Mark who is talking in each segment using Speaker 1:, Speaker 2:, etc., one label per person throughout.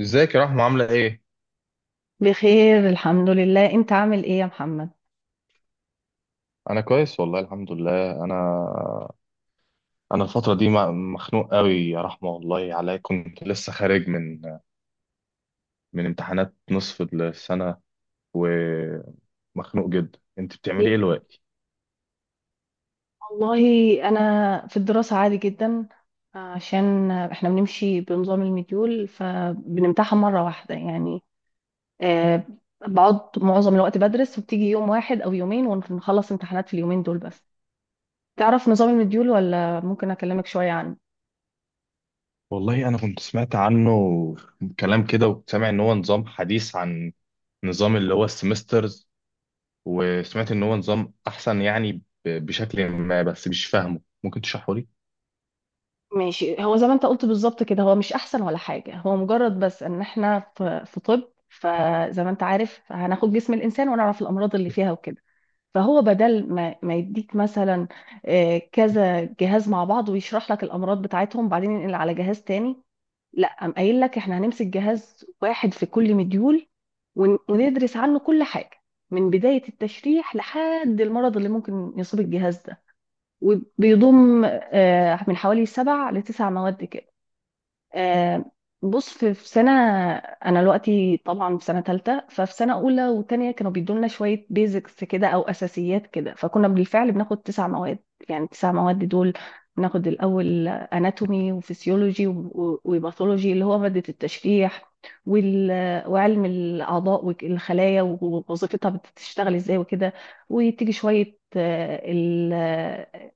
Speaker 1: ازيك يا رحمة عاملة ايه؟
Speaker 2: بخير الحمد لله، انت عامل ايه يا محمد؟
Speaker 1: كويس والله الحمد لله انا الفترة دي مخنوق قوي يا رحمة، والله عليا كنت لسه خارج من امتحانات نصف السنة، ومخنوق جدا. انت
Speaker 2: لا،
Speaker 1: بتعملي ايه دلوقتي؟
Speaker 2: والله انا في الدراسة عادي جدا. عشان احنا بنمشي بنظام المديول فبنمتحن مرة واحدة يعني. آه، بقعد معظم الوقت بدرس وبتيجي يوم واحد او يومين ونخلص امتحانات في اليومين دول بس. تعرف نظام المديول ولا ممكن اكلمك شوية عنه؟
Speaker 1: والله انا كنت سمعت عنه كلام كده، وكنت سامع ان هو نظام حديث عن نظام اللي هو السيمسترز، وسمعت ان هو نظام احسن يعني بشكل ما، بس مش فاهمه، ممكن تشرحه لي؟
Speaker 2: ماشي، هو زي ما انت قلت بالظبط كده، هو مش احسن ولا حاجة، هو مجرد بس ان احنا في طب، فزي ما انت عارف هناخد جسم الانسان ونعرف الامراض اللي فيها وكده. فهو بدل ما يديك مثلا كذا جهاز مع بعض ويشرح لك الامراض بتاعتهم، بعدين ينقل على جهاز تاني. لا، قام قايل لك احنا هنمسك جهاز واحد في كل مديول، وندرس عنه كل حاجه من بدايه التشريح لحد المرض اللي ممكن يصيب الجهاز ده، وبيضم من حوالي سبع لتسع مواد. آه، بص في سنة، أنا دلوقتي طبعا في سنة تالتة، ففي سنة أولى وتانية كانوا بيدولنا شوية بيزكس كده أو أساسيات كده، فكنا بالفعل بناخد تسع مواد. يعني التسع مواد دول بناخد الأول أناتومي وفسيولوجي وباثولوجي اللي هو مادة التشريح، وال... وعلم الأعضاء والخلايا ووظيفتها بتشتغل إزاي وكده. وتيجي شوية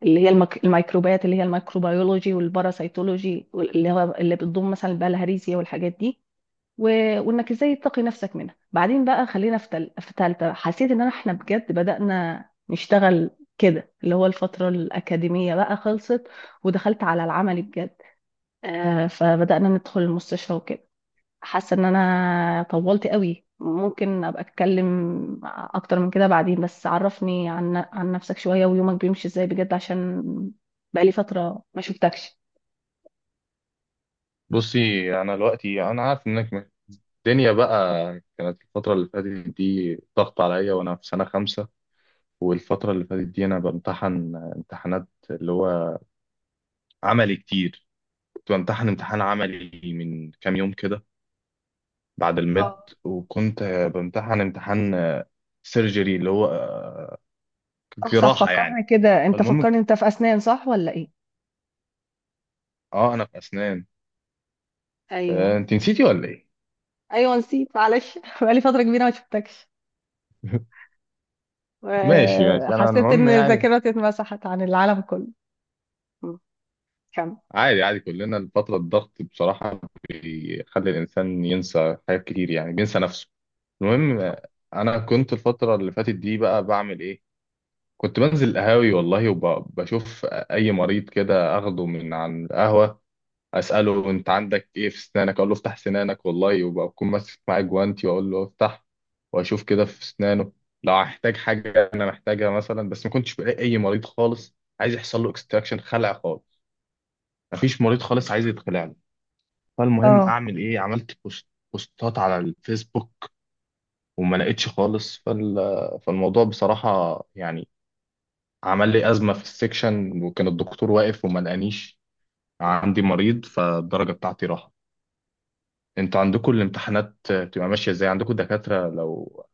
Speaker 2: اللي هي الميكروبات اللي هي الميكروبيولوجي والباراسيتولوجي اللي بتضم مثلا البلهارسيا والحاجات دي، و... وانك ازاي تقي نفسك منها. بعدين بقى خلينا في تالتة، حسيت ان احنا بجد بدأنا نشتغل كده، اللي هو الفترة الأكاديمية بقى خلصت ودخلت على العملي بجد. فبدأنا ندخل المستشفى وكده. حاسه ان انا طولت قوي، ممكن ابقى اتكلم اكتر من كده بعدين، بس عرفني عن نفسك شويه ويومك بيمشي ازاي بجد، عشان بقالي فتره ما شفتكش.
Speaker 1: بصي، انا دلوقتي عارف انك الدنيا بقى، كانت الفترة اللي فاتت دي ضغط عليا وأنا في سنة خمسة. والفترة اللي فاتت دي أنا بمتحن امتحانات اللي هو عملي كتير. كنت بمتحن امتحان عملي من كام يوم كده بعد
Speaker 2: اه،
Speaker 1: الميد، وكنت بمتحن امتحان سيرجري اللي هو
Speaker 2: صح صح،
Speaker 1: جراحة
Speaker 2: فكرني
Speaker 1: يعني.
Speaker 2: كده انت،
Speaker 1: فالمهم،
Speaker 2: فكرني انت في اسنان صح ولا ايه؟
Speaker 1: اه أنا في أسنان.
Speaker 2: ايوه،
Speaker 1: آه، أنت نسيتي ولا إيه؟
Speaker 2: ايوه، نسيت معلش بقالي فتره كبيره ما شفتكش.
Speaker 1: ماشي ماشي، أنا
Speaker 2: حسيت
Speaker 1: المهم
Speaker 2: ان
Speaker 1: يعني
Speaker 2: ذاكرتي اتمسحت عن العالم كله. م، كمل.
Speaker 1: عادي عادي، كلنا الفترة الضغط بصراحة بيخلي الإنسان ينسى حاجات كتير، يعني بينسى نفسه. المهم، أنا كنت الفترة اللي فاتت دي بقى بعمل إيه؟ كنت بنزل القهاوي والله، وبشوف أي مريض كده أخده من عن القهوة، أسأله أنت عندك إيه في أسنانك، أقول له افتح سنانك والله، وبكون ماسك معاه جوانتي وأقول له افتح، وأشوف كده في أسنانه لو هحتاج حاجة أنا محتاجها مثلا. بس ما كنتش بلاقي أي مريض خالص عايز يحصل له اكستراكشن خلع خالص، مفيش مريض خالص عايز يتخلع له. فالمهم
Speaker 2: اه،
Speaker 1: اعمل ايه، عملت بوستات على الفيسبوك، وما لقيتش خالص. فالموضوع بصراحة يعني عمل لي أزمة في السكشن، وكان الدكتور واقف وما لقانيش عندي مريض، فالدرجة بتاعتي راحت. انتوا عندكم الامتحانات بتبقى ماشية ازاي؟ عندكم دكاترة لو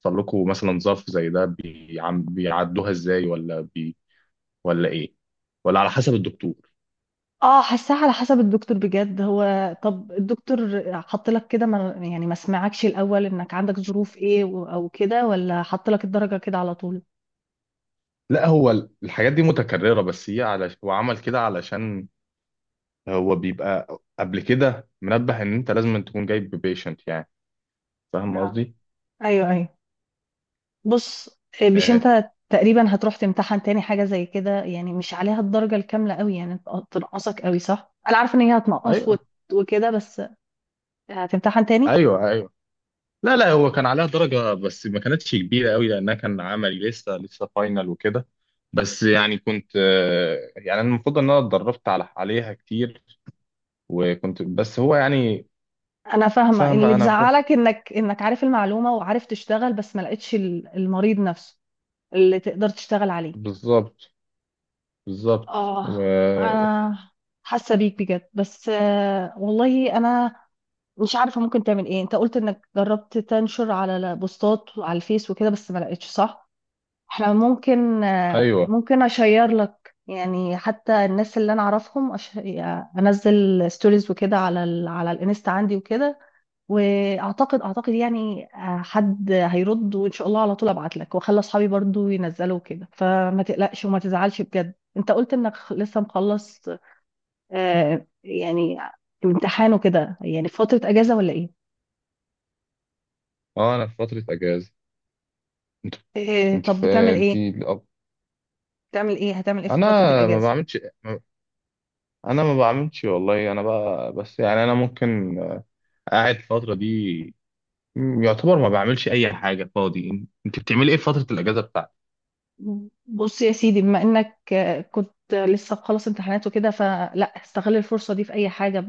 Speaker 1: حصل لكم مثلا ظرف زي ده بيعدوها ازاي، ولا ايه، ولا على حسب الدكتور؟
Speaker 2: اه، حاساها على حسب الدكتور بجد. هو طب الدكتور حط لك كده، ما سمعكش الاول انك عندك ظروف ايه او كده، ولا حط لك الدرجه كده على طول؟
Speaker 1: لا هو الحاجات دي متكررة، هو عمل كده علشان هو بيبقى قبل كده منبه ان انت لازم تكون جايب بيشنت يعني، فاهم
Speaker 2: اه،
Speaker 1: قصدي؟
Speaker 2: ايوه، ايوه، بص، مش
Speaker 1: ايه،
Speaker 2: انت تقريبا هتروح تمتحن تاني حاجه زي كده يعني، مش عليها الدرجه الكامله قوي يعني، تنقصك قوي صح؟ انا عارفه ان هي هتنقص
Speaker 1: ايوه
Speaker 2: وكده بس، هتمتحن تاني.
Speaker 1: ايوه ايوه لا لا، هو كان عليها درجة بس ما كانتش كبيرة قوي لانها كان عملي لسه لسه فاينل وكده. بس يعني كنت، آه، يعني انا المفروض ان انا اتدربت عليها كتير، وكنت بس هو يعني
Speaker 2: انا فاهمه، اللي
Speaker 1: فاهمة، انا كنت
Speaker 2: بزعلك انك عارف المعلومه وعارف تشتغل، بس ما لقيتش المريض نفسه اللي تقدر تشتغل عليه.
Speaker 1: بالظبط بالظبط
Speaker 2: اه،
Speaker 1: و...
Speaker 2: انا حاسه بيك بجد، بس والله انا مش عارفه ممكن تعمل ايه. انت قلت انك جربت تنشر على بوستات على الفيس وكده بس ما لقيتش صح؟ احنا ممكن
Speaker 1: ايوه،
Speaker 2: ممكن اشير لك، يعني حتى الناس اللي انا اعرفهم انزل ستوريز وكده على على الانستا عندي وكده، واعتقد اعتقد يعني حد هيرد وان شاء الله، على طول ابعت لك واخلي اصحابي برضو ينزلوا كده. فما تقلقش وما تزعلش بجد. انت قلت انك لسه مخلص يعني امتحان وكده، يعني في فترة اجازة ولا ايه؟
Speaker 1: اه انا في فترة اجازة. انت
Speaker 2: طب
Speaker 1: في
Speaker 2: بتعمل
Speaker 1: انت
Speaker 2: ايه؟
Speaker 1: الأب.
Speaker 2: هتعمل ايه في
Speaker 1: انا
Speaker 2: فترة
Speaker 1: ما
Speaker 2: الاجازة؟
Speaker 1: بعملش، ما انا ما بعملش والله، انا بقى بس يعني انا ممكن قاعد الفتره دي، يعتبر ما بعملش اي حاجه، فاضي. انت بتعملي ايه في فتره الاجازه بتاعتك؟
Speaker 2: بص يا سيدي، بما انك كنت لسه مخلص امتحانات وكده، فلا استغل الفرصة دي في اي حاجة،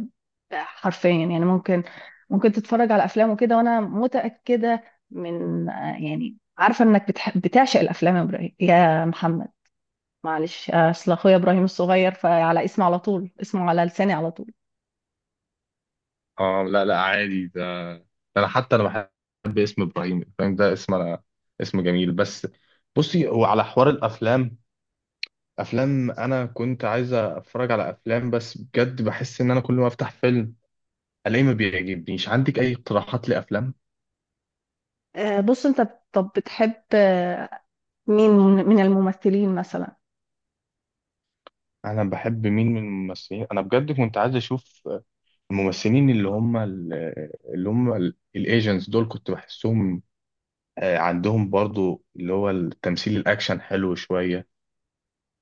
Speaker 2: حرفيا. يعني ممكن تتفرج على افلام وكده، وانا متاكده من يعني عارفه انك بتعشق الافلام، يا إبراهيم، يا محمد. معلش، اصل اخويا ابراهيم الصغير، فعلى اسمه على طول، اسمه على لساني على طول.
Speaker 1: اه لا لا عادي ده، ده انا حتى انا بحب اسم ابراهيم، فاهم ده اسم، انا اسم جميل بس. بصي هو على حوار الافلام، افلام، انا كنت عايز اتفرج على افلام بس بجد بحس ان انا كل ما افتح فيلم الاقيه ما بيعجبنيش. عندك اي اقتراحات لافلام؟
Speaker 2: بص انت طب بتحب، مين من الممثلين مثلا؟
Speaker 1: انا بحب مين من الممثلين؟ انا بجد كنت عايز اشوف الممثلين اللي هم الايجنتس دول، كنت بحسهم، آه، عندهم برضو اللي هو التمثيل الاكشن حلو شوية،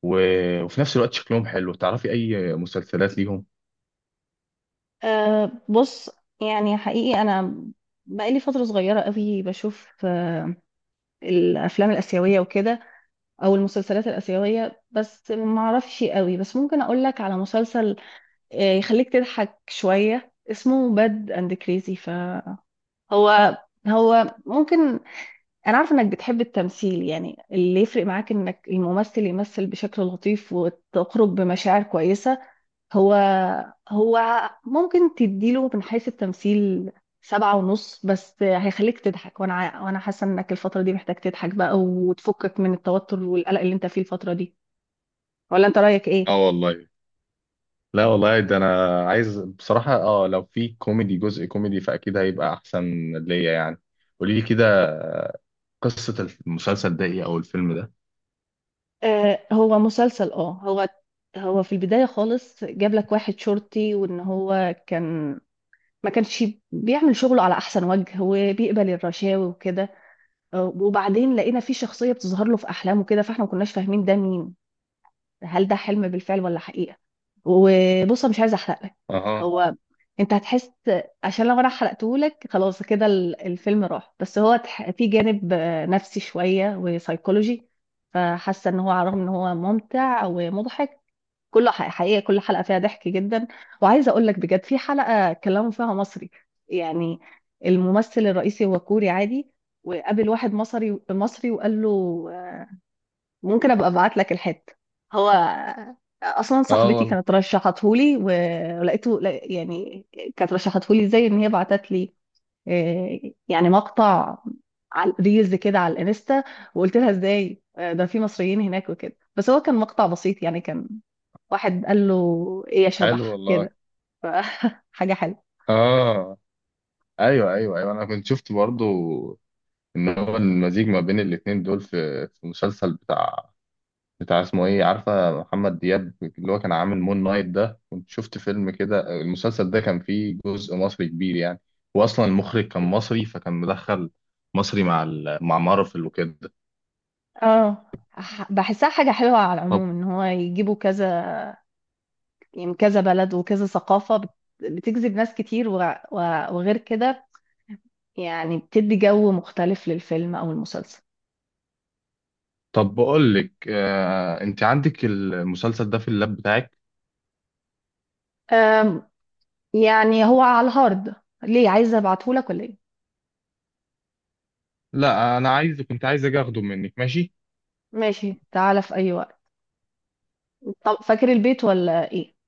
Speaker 1: وفي نفس الوقت شكلهم حلو. تعرفي اي مسلسلات ليهم؟
Speaker 2: بص، يعني حقيقي انا بقالي فتره صغيره قوي بشوف الافلام الاسيويه وكده او المسلسلات الاسيويه، بس ما اعرفش قوي. بس ممكن اقول لك على مسلسل يخليك تضحك شويه، اسمه باد اند كريزي. فهو هو هو ممكن، انا عارفه انك بتحب التمثيل، يعني اللي يفرق معاك انك الممثل يمثل بشكل لطيف وتخرج بمشاعر كويسه. هو هو ممكن تديله من حيث التمثيل 7.5، بس هيخليك تضحك. وانا حاسه انك الفتره دي محتاج تضحك بقى وتفكك من التوتر والقلق اللي انت فيه الفتره دي، ولا انت رأيك ايه؟
Speaker 1: اه والله، لا والله ده انا عايز بصراحة، اه لو في كوميدي جزء كوميدي فاكيد هيبقى احسن ليا يعني. قولي لي كده قصة المسلسل ده ايه او الفيلم ده.
Speaker 2: هو مسلسل، هو في البداية خالص جاب لك واحد شرطي، وان هو كان ما كانش بيعمل شغله على احسن وجه وبيقبل الرشاوي وكده. وبعدين لقينا في شخصية بتظهر له في احلامه كده، فاحنا ما كناش فاهمين ده مين، هل ده حلم بالفعل ولا حقيقة. وبص أنا مش عايزة احرق لك،
Speaker 1: اها،
Speaker 2: هو انت هتحس. عشان لو انا حرقتهولك خلاص كده الفيلم راح. بس هو في جانب نفسي شوية وسايكولوجي، فحاسة ان هو على الرغم ان هو ممتع ومضحك كله حقيقة. كل حلقة فيها ضحك جدا، وعايزة اقول لك بجد في حلقة كلموا فيها مصري. يعني الممثل الرئيسي هو كوري عادي، وقابل واحد مصري مصري وقال له. ممكن ابقى ابعت لك الحته، هو اصلا
Speaker 1: اه
Speaker 2: صاحبتي
Speaker 1: والله.
Speaker 2: كانت رشحتهولي ولقيته، يعني كانت رشحتهولي ازاي، ان هي بعتت لي آه، يعني مقطع على ريلز كده على الانستا، وقلت لها ازاي، ده في مصريين هناك وكده، بس هو كان مقطع بسيط يعني، كان واحد قال له ايه يا
Speaker 1: حلو
Speaker 2: شبح
Speaker 1: والله.
Speaker 2: كده. ف- حاجه حلوه.
Speaker 1: اه ايوه ايوه ايوه، انا كنت شفت برضو ان هو المزيج ما بين الاتنين دول في مسلسل بتاع اسمه ايه، عارفه محمد دياب اللي هو كان عامل مون نايت ده؟ كنت شفت فيلم كده، المسلسل ده كان فيه جزء مصري كبير يعني، واصلا المخرج كان مصري، فكان مدخل مصري مع مارفل وكده.
Speaker 2: اه، بحسها حاجه حلوه على
Speaker 1: طب
Speaker 2: العموم، ان هو يجيبوا كذا، يعني كذا بلد وكذا ثقافة بتجذب ناس كتير، وغير كده يعني، بتدي جو مختلف للفيلم أو المسلسل.
Speaker 1: طب بقول لك، آه انت عندك المسلسل ده في اللاب بتاعك؟
Speaker 2: أم، يعني هو على الهارد. ليه عايزة ابعتهولك ولا ايه؟
Speaker 1: لا انا عايز، كنت عايز اجي اخده منك. ماشي.
Speaker 2: ماشي، تعالى في أي وقت. طب فاكر البيت ولا ايه؟